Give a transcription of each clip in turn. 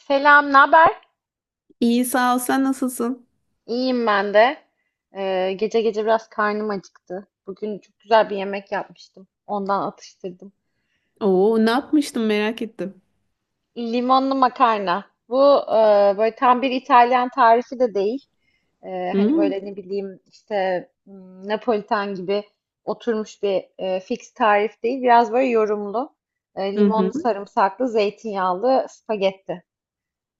Selam, ne haber? İyi sağ ol. Sen nasılsın? İyiyim ben de. Gece gece biraz karnım acıktı. Bugün çok güzel bir yemek yapmıştım. Ondan atıştırdım. Oo, ne yapmıştım merak ettim. Limonlu makarna. Böyle tam bir İtalyan tarifi de değil. Ee, Hani Hmm. böyle ne bileyim işte, Napolitan gibi oturmuş bir fix tarif değil. Biraz böyle yorumlu. Hı hı. Limonlu, sarımsaklı, zeytinyağlı spagetti.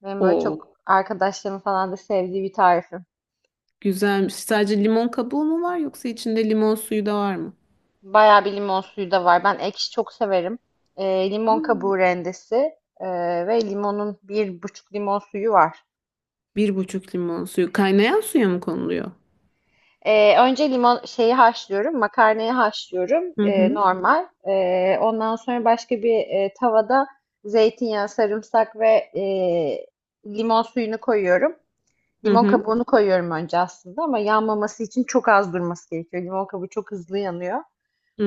Benim böyle Oo, çok arkadaşlarım falan da sevdiği bir tarifim. güzelmiş. Sadece limon kabuğu mu var yoksa içinde limon suyu da var mı? Bayağı bir limon suyu da var. Ben ekşi çok severim. Limon Aa. kabuğu rendesi ve limonun bir buçuk limon suyu var. Bir buçuk limon suyu. Kaynayan suya mı konuluyor? Önce limon şeyi haşlıyorum, makarnayı haşlıyorum Hı hı. normal. Ondan sonra başka bir tavada zeytinyağı, sarımsak ve limon suyunu koyuyorum. Hı Limon hı. kabuğunu koyuyorum önce aslında ama yanmaması için çok az durması gerekiyor. Limon kabuğu çok hızlı yanıyor.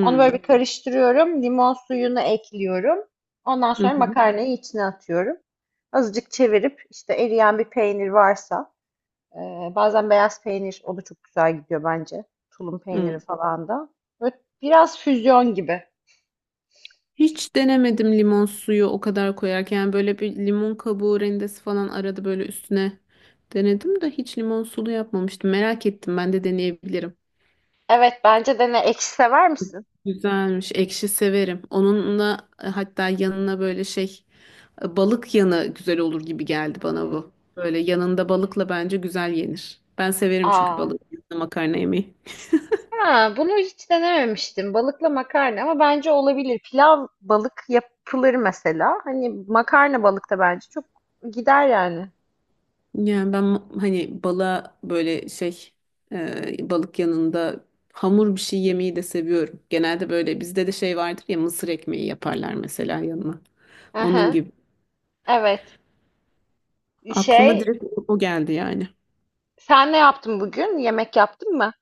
Onu böyle bir karıştırıyorum. Limon suyunu ekliyorum. Ondan Hı sonra hı. makarnayı içine atıyorum. Azıcık çevirip işte eriyen bir peynir varsa e, bazen beyaz peynir o da çok güzel gidiyor bence. Tulum peyniri Hı. falan da. Böyle biraz füzyon gibi. Hiç denemedim limon suyu o kadar koyarken. Yani böyle bir limon kabuğu rendesi falan arada böyle üstüne denedim de hiç limon sulu yapmamıştım. Merak ettim. Ben de deneyebilirim. Evet bence dene. Ekşi sever misin? Güzelmiş. Ekşi severim. Onunla hatta yanına böyle şey balık yanı güzel olur gibi geldi bana Hmm. bu. Böyle yanında balıkla bence güzel yenir. Ben severim çünkü Aa. balık yanında makarna yemeyi. Ha, bunu hiç denememiştim. Balıkla makarna ama bence olabilir. Pilav balık yapılır mesela. Hani makarna balık da bence çok gider yani. Yani ben hani balığa böyle şey balık yanında hamur bir şey yemeyi de seviyorum. Genelde böyle bizde de şey vardır ya, mısır ekmeği yaparlar mesela yanına. Onun Aha. gibi. Evet. Aklıma Şey, direkt o geldi yani. sen ne yaptın bugün? Yemek yaptın mı?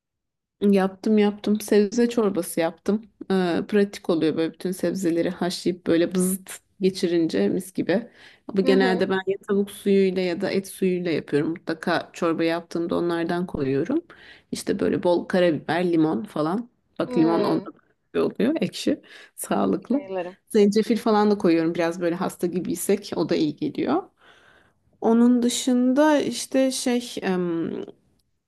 Yaptım yaptım. Sebze çorbası yaptım. Pratik oluyor böyle bütün sebzeleri haşlayıp böyle bızıt geçirince mis gibi. Ama Hı hı. genelde ben ya tavuk suyuyla ya da et suyuyla yapıyorum. Mutlaka çorba yaptığımda onlardan koyuyorum. İşte böyle bol karabiber, limon falan. Bak limon Hmm. onda da oluyor ekşi, sağlıklı. Sayılırım. Zencefil falan da koyuyorum biraz böyle hasta gibiysek o da iyi geliyor. Onun dışında işte şey,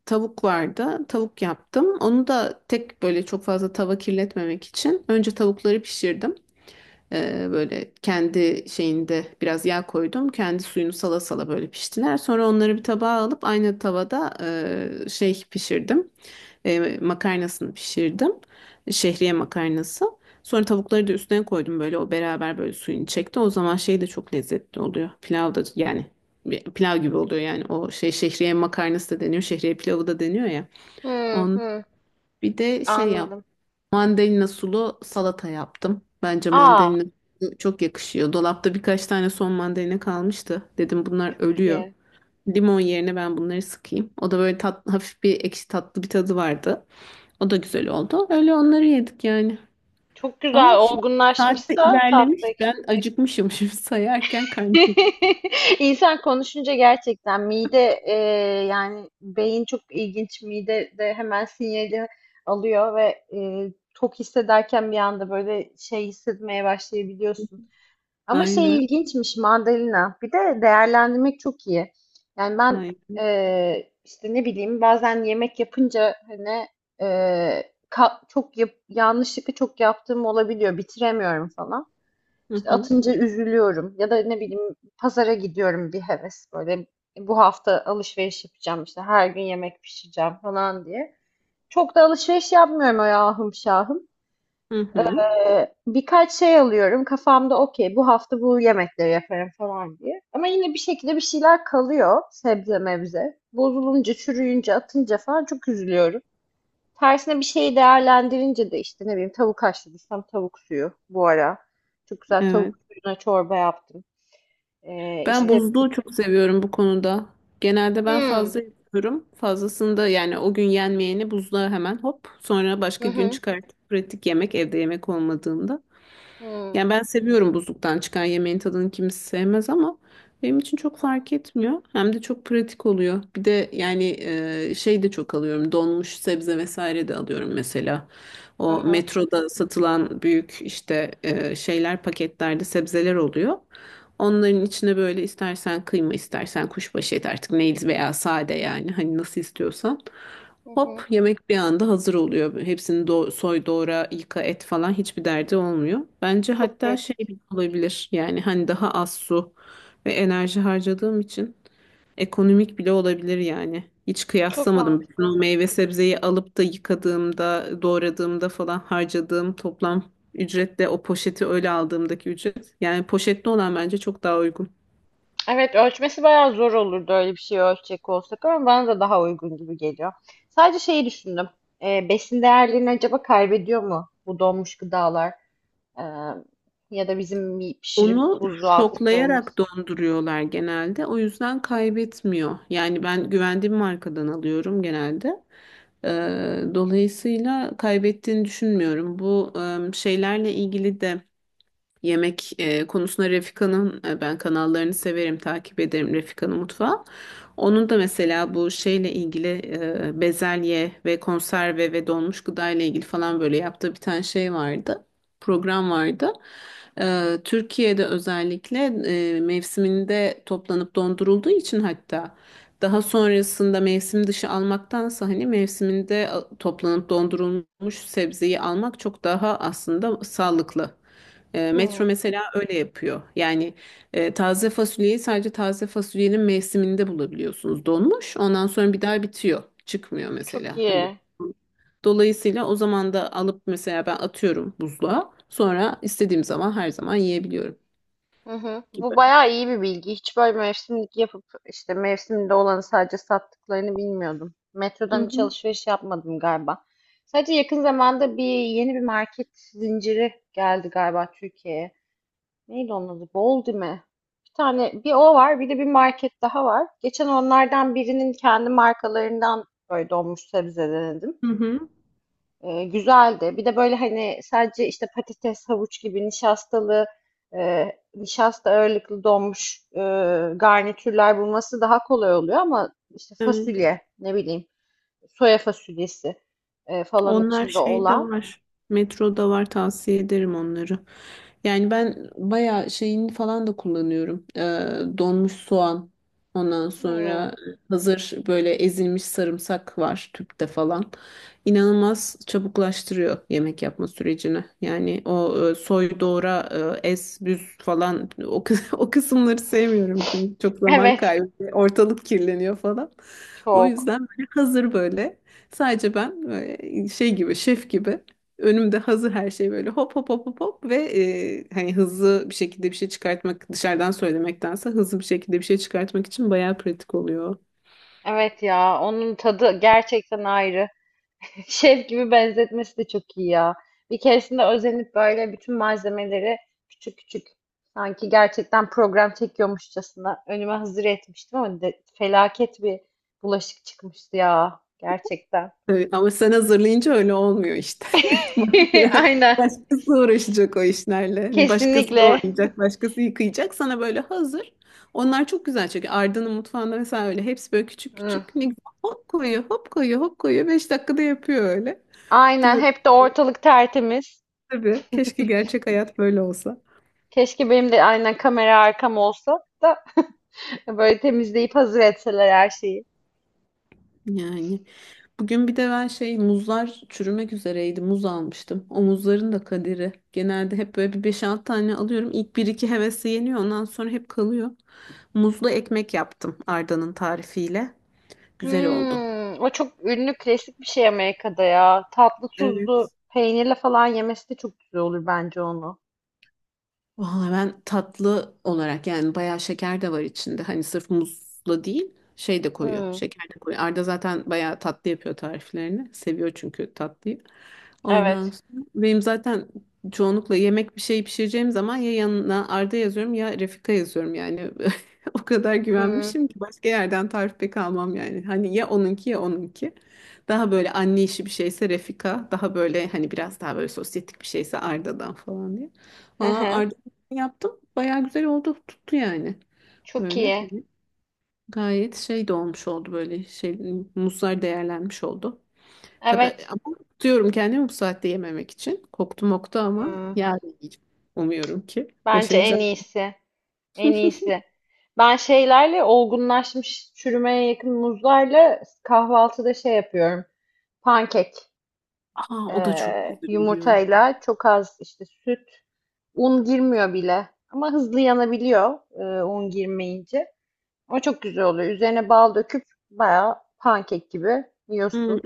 tavuk vardı. Tavuk yaptım. Onu da tek böyle çok fazla tava kirletmemek için önce tavukları pişirdim. Böyle kendi şeyinde biraz yağ koydum. Kendi suyunu sala sala böyle piştiler. Sonra onları bir tabağa alıp aynı tavada şey pişirdim. Makarnasını pişirdim. Şehriye makarnası. Sonra tavukları da üstüne koydum böyle o beraber böyle suyunu çekti. O zaman şey de çok lezzetli oluyor. Pilav da yani bir pilav gibi oluyor yani, o şey şehriye makarnası da deniyor, şehriye pilavı da deniyor ya. Hı On. hı. Bir de şey yap. Anladım. Mandalina sulu salata yaptım. Bence Aa, mandalina çok yakışıyor. Dolapta birkaç tane son mandalina kalmıştı. Dedim bunlar çok ölüyor. iyi. Limon yerine ben bunları sıkayım. O da böyle tat, hafif bir ekşi tatlı bir tadı vardı. O da güzel oldu. Öyle onları yedik yani. Çok Ama güzel. şimdi saatte Olgunlaşmışsa tatlı ilerlemiş. ekşi. Ben acıkmışım şimdi sayarken karnım. İnsan konuşunca gerçekten mide, yani beyin çok ilginç. Mide de hemen sinyali alıyor ve tok hissederken bir anda böyle şey hissetmeye başlayabiliyorsun. Ama Aynen. şey ilginçmiş mandalina. Bir de değerlendirmek çok iyi. Yani ben Aynen. İşte ne bileyim bazen yemek yapınca hani yanlışlıkla çok yaptığım olabiliyor. Bitiremiyorum falan. Hı İşte hı. atınca üzülüyorum. Ya da ne bileyim pazara gidiyorum bir heves böyle "E, bu hafta alışveriş yapacağım işte her gün yemek pişireceğim falan diye. Çok da alışveriş yapmıyorum o ahım şahım. Hı hı. Birkaç şey alıyorum kafamda okey bu hafta bu yemekleri yaparım falan diye. Ama yine bir şekilde bir şeyler kalıyor sebze mevze. Bozulunca, çürüyünce, atınca falan çok üzülüyorum. Tersine bir şeyi değerlendirince de işte ne bileyim tavuk haşladıysam tavuk suyu bu ara. Çok güzel tavuk Evet. suyuna çorba yaptım. Ee, Ben işte buzluğu çok seviyorum bu konuda. Genelde ben Hmm, fazla yapıyorum. Fazlasında yani o gün yenmeyeni buzluğa hemen hop, sonra hı başka gün hı, çıkartıp pratik yemek, evde yemek olmadığında. hı, Yani ben seviyorum, buzluktan çıkan yemeğin tadını kimse sevmez ama benim için çok fark etmiyor. Hem de çok pratik oluyor. Bir de yani şey de çok alıyorum. Donmuş sebze vesaire de alıyorum mesela. O aha, metroda satılan büyük işte şeyler, paketlerde sebzeler oluyor. Onların içine böyle istersen kıyma, istersen kuşbaşı et, artık neydi veya sade, yani hani nasıl istiyorsan. hı hı. Hop, yemek bir anda hazır oluyor. Hepsini soy, doğra, yıka, et falan hiçbir derdi olmuyor. Bence Çok hatta şey pratik. bile olabilir. Yani hani daha az su ve enerji harcadığım için ekonomik bile olabilir yani. Hiç Çok kıyaslamadım. Bütün mantıklı. o meyve sebzeyi alıp da yıkadığımda, doğradığımda falan harcadığım toplam ücretle o poşeti öyle aldığımdaki ücret. Yani poşetli olan bence çok daha uygun. Evet ölçmesi bayağı zor olurdu öyle bir şey ölçecek olsak ama bana da daha uygun gibi geliyor. Sadece şeyi düşündüm. E, besin değerlerini acaba kaybediyor mu bu donmuş gıdalar? E, Ya da bizim bir pişirip Onu buzluğa şoklayarak attıklarımız. donduruyorlar genelde. O yüzden kaybetmiyor. Yani ben güvendiğim markadan alıyorum genelde. Dolayısıyla kaybettiğini düşünmüyorum. Bu şeylerle ilgili de yemek konusunda Refika'nın ben kanallarını severim, takip ederim Refika'nın mutfağı. Onun da mesela bu şeyle ilgili bezelye ve konserve ve donmuş gıda ile ilgili falan böyle yaptığı bir tane şey vardı. Program vardı. Türkiye'de özellikle mevsiminde toplanıp dondurulduğu için, hatta daha sonrasında mevsim dışı almaktansa hani mevsiminde toplanıp dondurulmuş sebzeyi almak çok daha aslında sağlıklı. Metro Hmm, mesela öyle yapıyor. Yani taze fasulyeyi sadece taze fasulyenin mevsiminde bulabiliyorsunuz. Donmuş, ondan sonra bir daha bitiyor. Çıkmıyor çok mesela. Hani iyi. dolayısıyla o zaman da alıp mesela ben atıyorum buzluğa. Sonra istediğim zaman her zaman yiyebiliyorum Hı hı. gibi. Bu bayağı iyi bir bilgi. Hiç böyle mevsimlik yapıp işte mevsimde olanı sadece sattıklarını bilmiyordum. Hı Metrodan hiç hı. alışveriş yapmadım galiba. Sadece yakın zamanda bir yeni bir market zinciri geldi galiba Türkiye'ye. Neydi onun adı? Boldime. Bir tane bir o var, bir de bir market daha var. Geçen onlardan birinin kendi markalarından böyle donmuş sebze denedim. Hı hı. Güzeldi. Bir de böyle hani sadece işte patates, havuç gibi nişastalı, e, nişasta ağırlıklı donmuş garnitürler bulması daha kolay oluyor ama işte Evet. fasulye, ne bileyim, soya fasulyesi falan Onlar içinde şeyde olan. var. Metroda var, tavsiye ederim onları. Yani ben bayağı şeyini falan da kullanıyorum. Donmuş soğan. Ondan Hmm. sonra hazır böyle ezilmiş sarımsak var tüpte falan. İnanılmaz çabuklaştırıyor yemek yapma sürecini. Yani o soy doğra ez büz falan, o, o kısımları sevmiyorum. Çünkü çok zaman Evet, kaybı, ortalık kirleniyor falan. O çok. yüzden böyle hazır böyle. Sadece ben böyle şey gibi, şef gibi, önümde hazır her şey böyle hop hop hop hop hop ve hani hızlı bir şekilde bir şey çıkartmak, dışarıdan söylemektense hızlı bir şekilde bir şey çıkartmak için bayağı pratik oluyor. Evet ya onun tadı gerçekten ayrı. Şef gibi benzetmesi de çok iyi ya. Bir keresinde özenip böyle bütün malzemeleri küçük küçük sanki gerçekten program çekiyormuşçasına önüme hazır etmiştim ama felaket bir bulaşık çıkmıştı ya gerçekten. Evet, ama sen hazırlayınca öyle olmuyor işte. Aynen. Başkası uğraşacak o işlerle. Başkası Kesinlikle. doğrayacak, başkası yıkayacak. Sana böyle hazır. Onlar çok güzel çünkü Arda'nın mutfağında mesela öyle hepsi böyle küçük Hı. küçük. Ne güzel. Hop koyuyor, hop koyuyor, hop koyuyor. 5 dakikada yapıyor öyle. Aynen Diyorum hep de ortalık tertemiz. tabii. Keşke gerçek hayat böyle olsa. Keşke benim de aynen kamera arkam olsa da böyle temizleyip hazır etseler her şeyi. Yani bugün bir de ben şey, muzlar çürümek üzereydi. Muz almıştım. O muzların da kaderi. Genelde hep böyle bir beş 6 tane alıyorum. İlk bir iki hevesi yeniyor. Ondan sonra hep kalıyor. Muzlu ekmek yaptım Arda'nın tarifiyle. Güzel oldu. Hmm, o çok ünlü klasik bir şey Amerika'da ya. Tatlı tuzlu Evet. peynirle falan yemesi de çok güzel olur bence onu. Vallahi ben tatlı olarak yani bayağı şeker de var içinde. Hani sırf muzla değil, şey de koyuyor. Hmm, Şeker de koyuyor. Arda zaten bayağı tatlı yapıyor tariflerini. Seviyor çünkü tatlıyı. Ondan evet. sonra benim zaten çoğunlukla yemek, bir şey pişireceğim zaman ya yanına Arda yazıyorum ya Refika yazıyorum yani. O kadar Hmm, güvenmişim ki başka yerden tarif pek almam yani. Hani ya onunki ya onunki. Daha böyle anne işi bir şeyse Refika. Daha böyle hani biraz daha böyle sosyetik bir şeyse Arda'dan falan diye. hı Valla hı. yaptım. Bayağı güzel oldu. Tuttu yani. Çok Öyle. iyi. Hani gayet şey de olmuş oldu, böyle şey, muzlar değerlenmiş oldu. Tabii Evet. ama tutuyorum kendimi bu saatte yememek için. Koptu moktu ama Hmm, yarın yiyeceğim. Umuyorum ki bence en başaracağım. iyisi. En iyisi. Ben şeylerle olgunlaşmış çürümeye yakın muzlarla kahvaltıda şey yapıyorum. Pankek. Aa, o da çok güzel oluyor. Yumurtayla çok az işte süt. Un girmiyor bile. Ama hızlı yanabiliyor, un girmeyince. O çok güzel oluyor. Üzerine bal döküp bayağı pankek gibi Hmm, yiyorsun.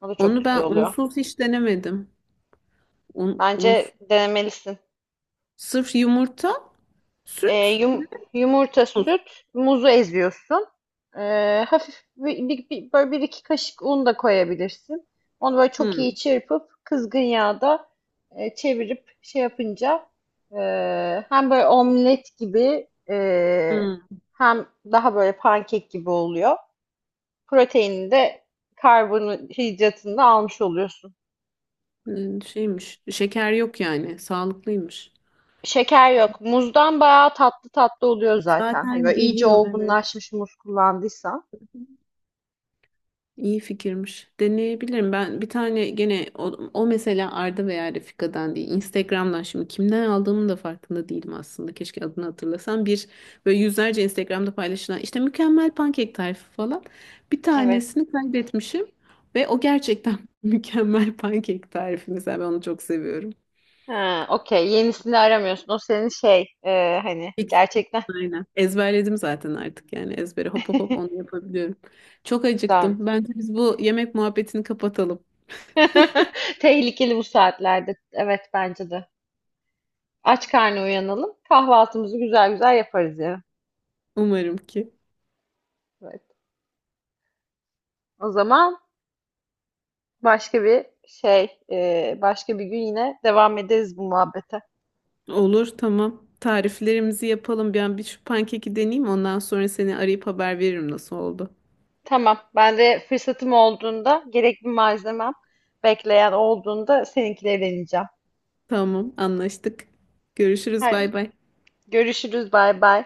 O da çok onu güzel ben oluyor. unsuz hiç denemedim. Un, unsuz. Bence denemelisin. Sırf yumurta, Ee, süt ve yum- Yumurta, muz. süt, muzu eziyorsun. Hafif böyle bir iki kaşık un da koyabilirsin. Onu böyle çok Hmm. iyi çırpıp kızgın yağda çevirip şey yapınca e, hem böyle omlet gibi, Hmm. hem daha böyle pankek gibi oluyor. Proteinini de karbonhidratını da almış oluyorsun. Hmm, şeymiş. Şeker yok yani. Sağlıklıymış. Şeker yok. Muzdan bayağı tatlı tatlı oluyor zaten. Hani Zaten böyle iyice geliyor, evet. olgunlaşmış muz kullandıysan. İyi fikirmiş. Deneyebilirim. Ben bir tane gene o, o mesela Arda veya Refika'dan değil. Instagram'dan, şimdi kimden aldığımın da farkında değilim aslında. Keşke adını hatırlasam. Bir böyle yüzlerce Instagram'da paylaşılan işte mükemmel pankek tarifi falan. Bir Evet. tanesini kaybetmişim ve o gerçekten mükemmel pankek tarifi. Mesela ben onu çok seviyorum. Ha, okey. Yenisini aramıyorsun. O senin şey, hani Fix. gerçekten Aynen. Ezberledim zaten artık yani, ezbere hop hop hop onu yapabiliyorum. Çok güzel. acıktım. Bence biz bu yemek muhabbetini kapatalım. Tehlikeli bu saatlerde. Evet bence de. Aç karnı uyanalım. Kahvaltımızı güzel güzel yaparız yani. Umarım ki. Evet. O zaman başka bir şey, başka bir gün yine devam ederiz bu muhabbete. Olur, tamam. Tariflerimizi yapalım. Ben bir şu pankeki deneyeyim. Ondan sonra seni arayıp haber veririm nasıl oldu. Tamam. Ben de fırsatım olduğunda, gerekli malzemem bekleyen olduğunda seninkileri deneyeceğim. Tamam, anlaştık. Görüşürüz, Hayır. bay bay. Görüşürüz. Bay bay.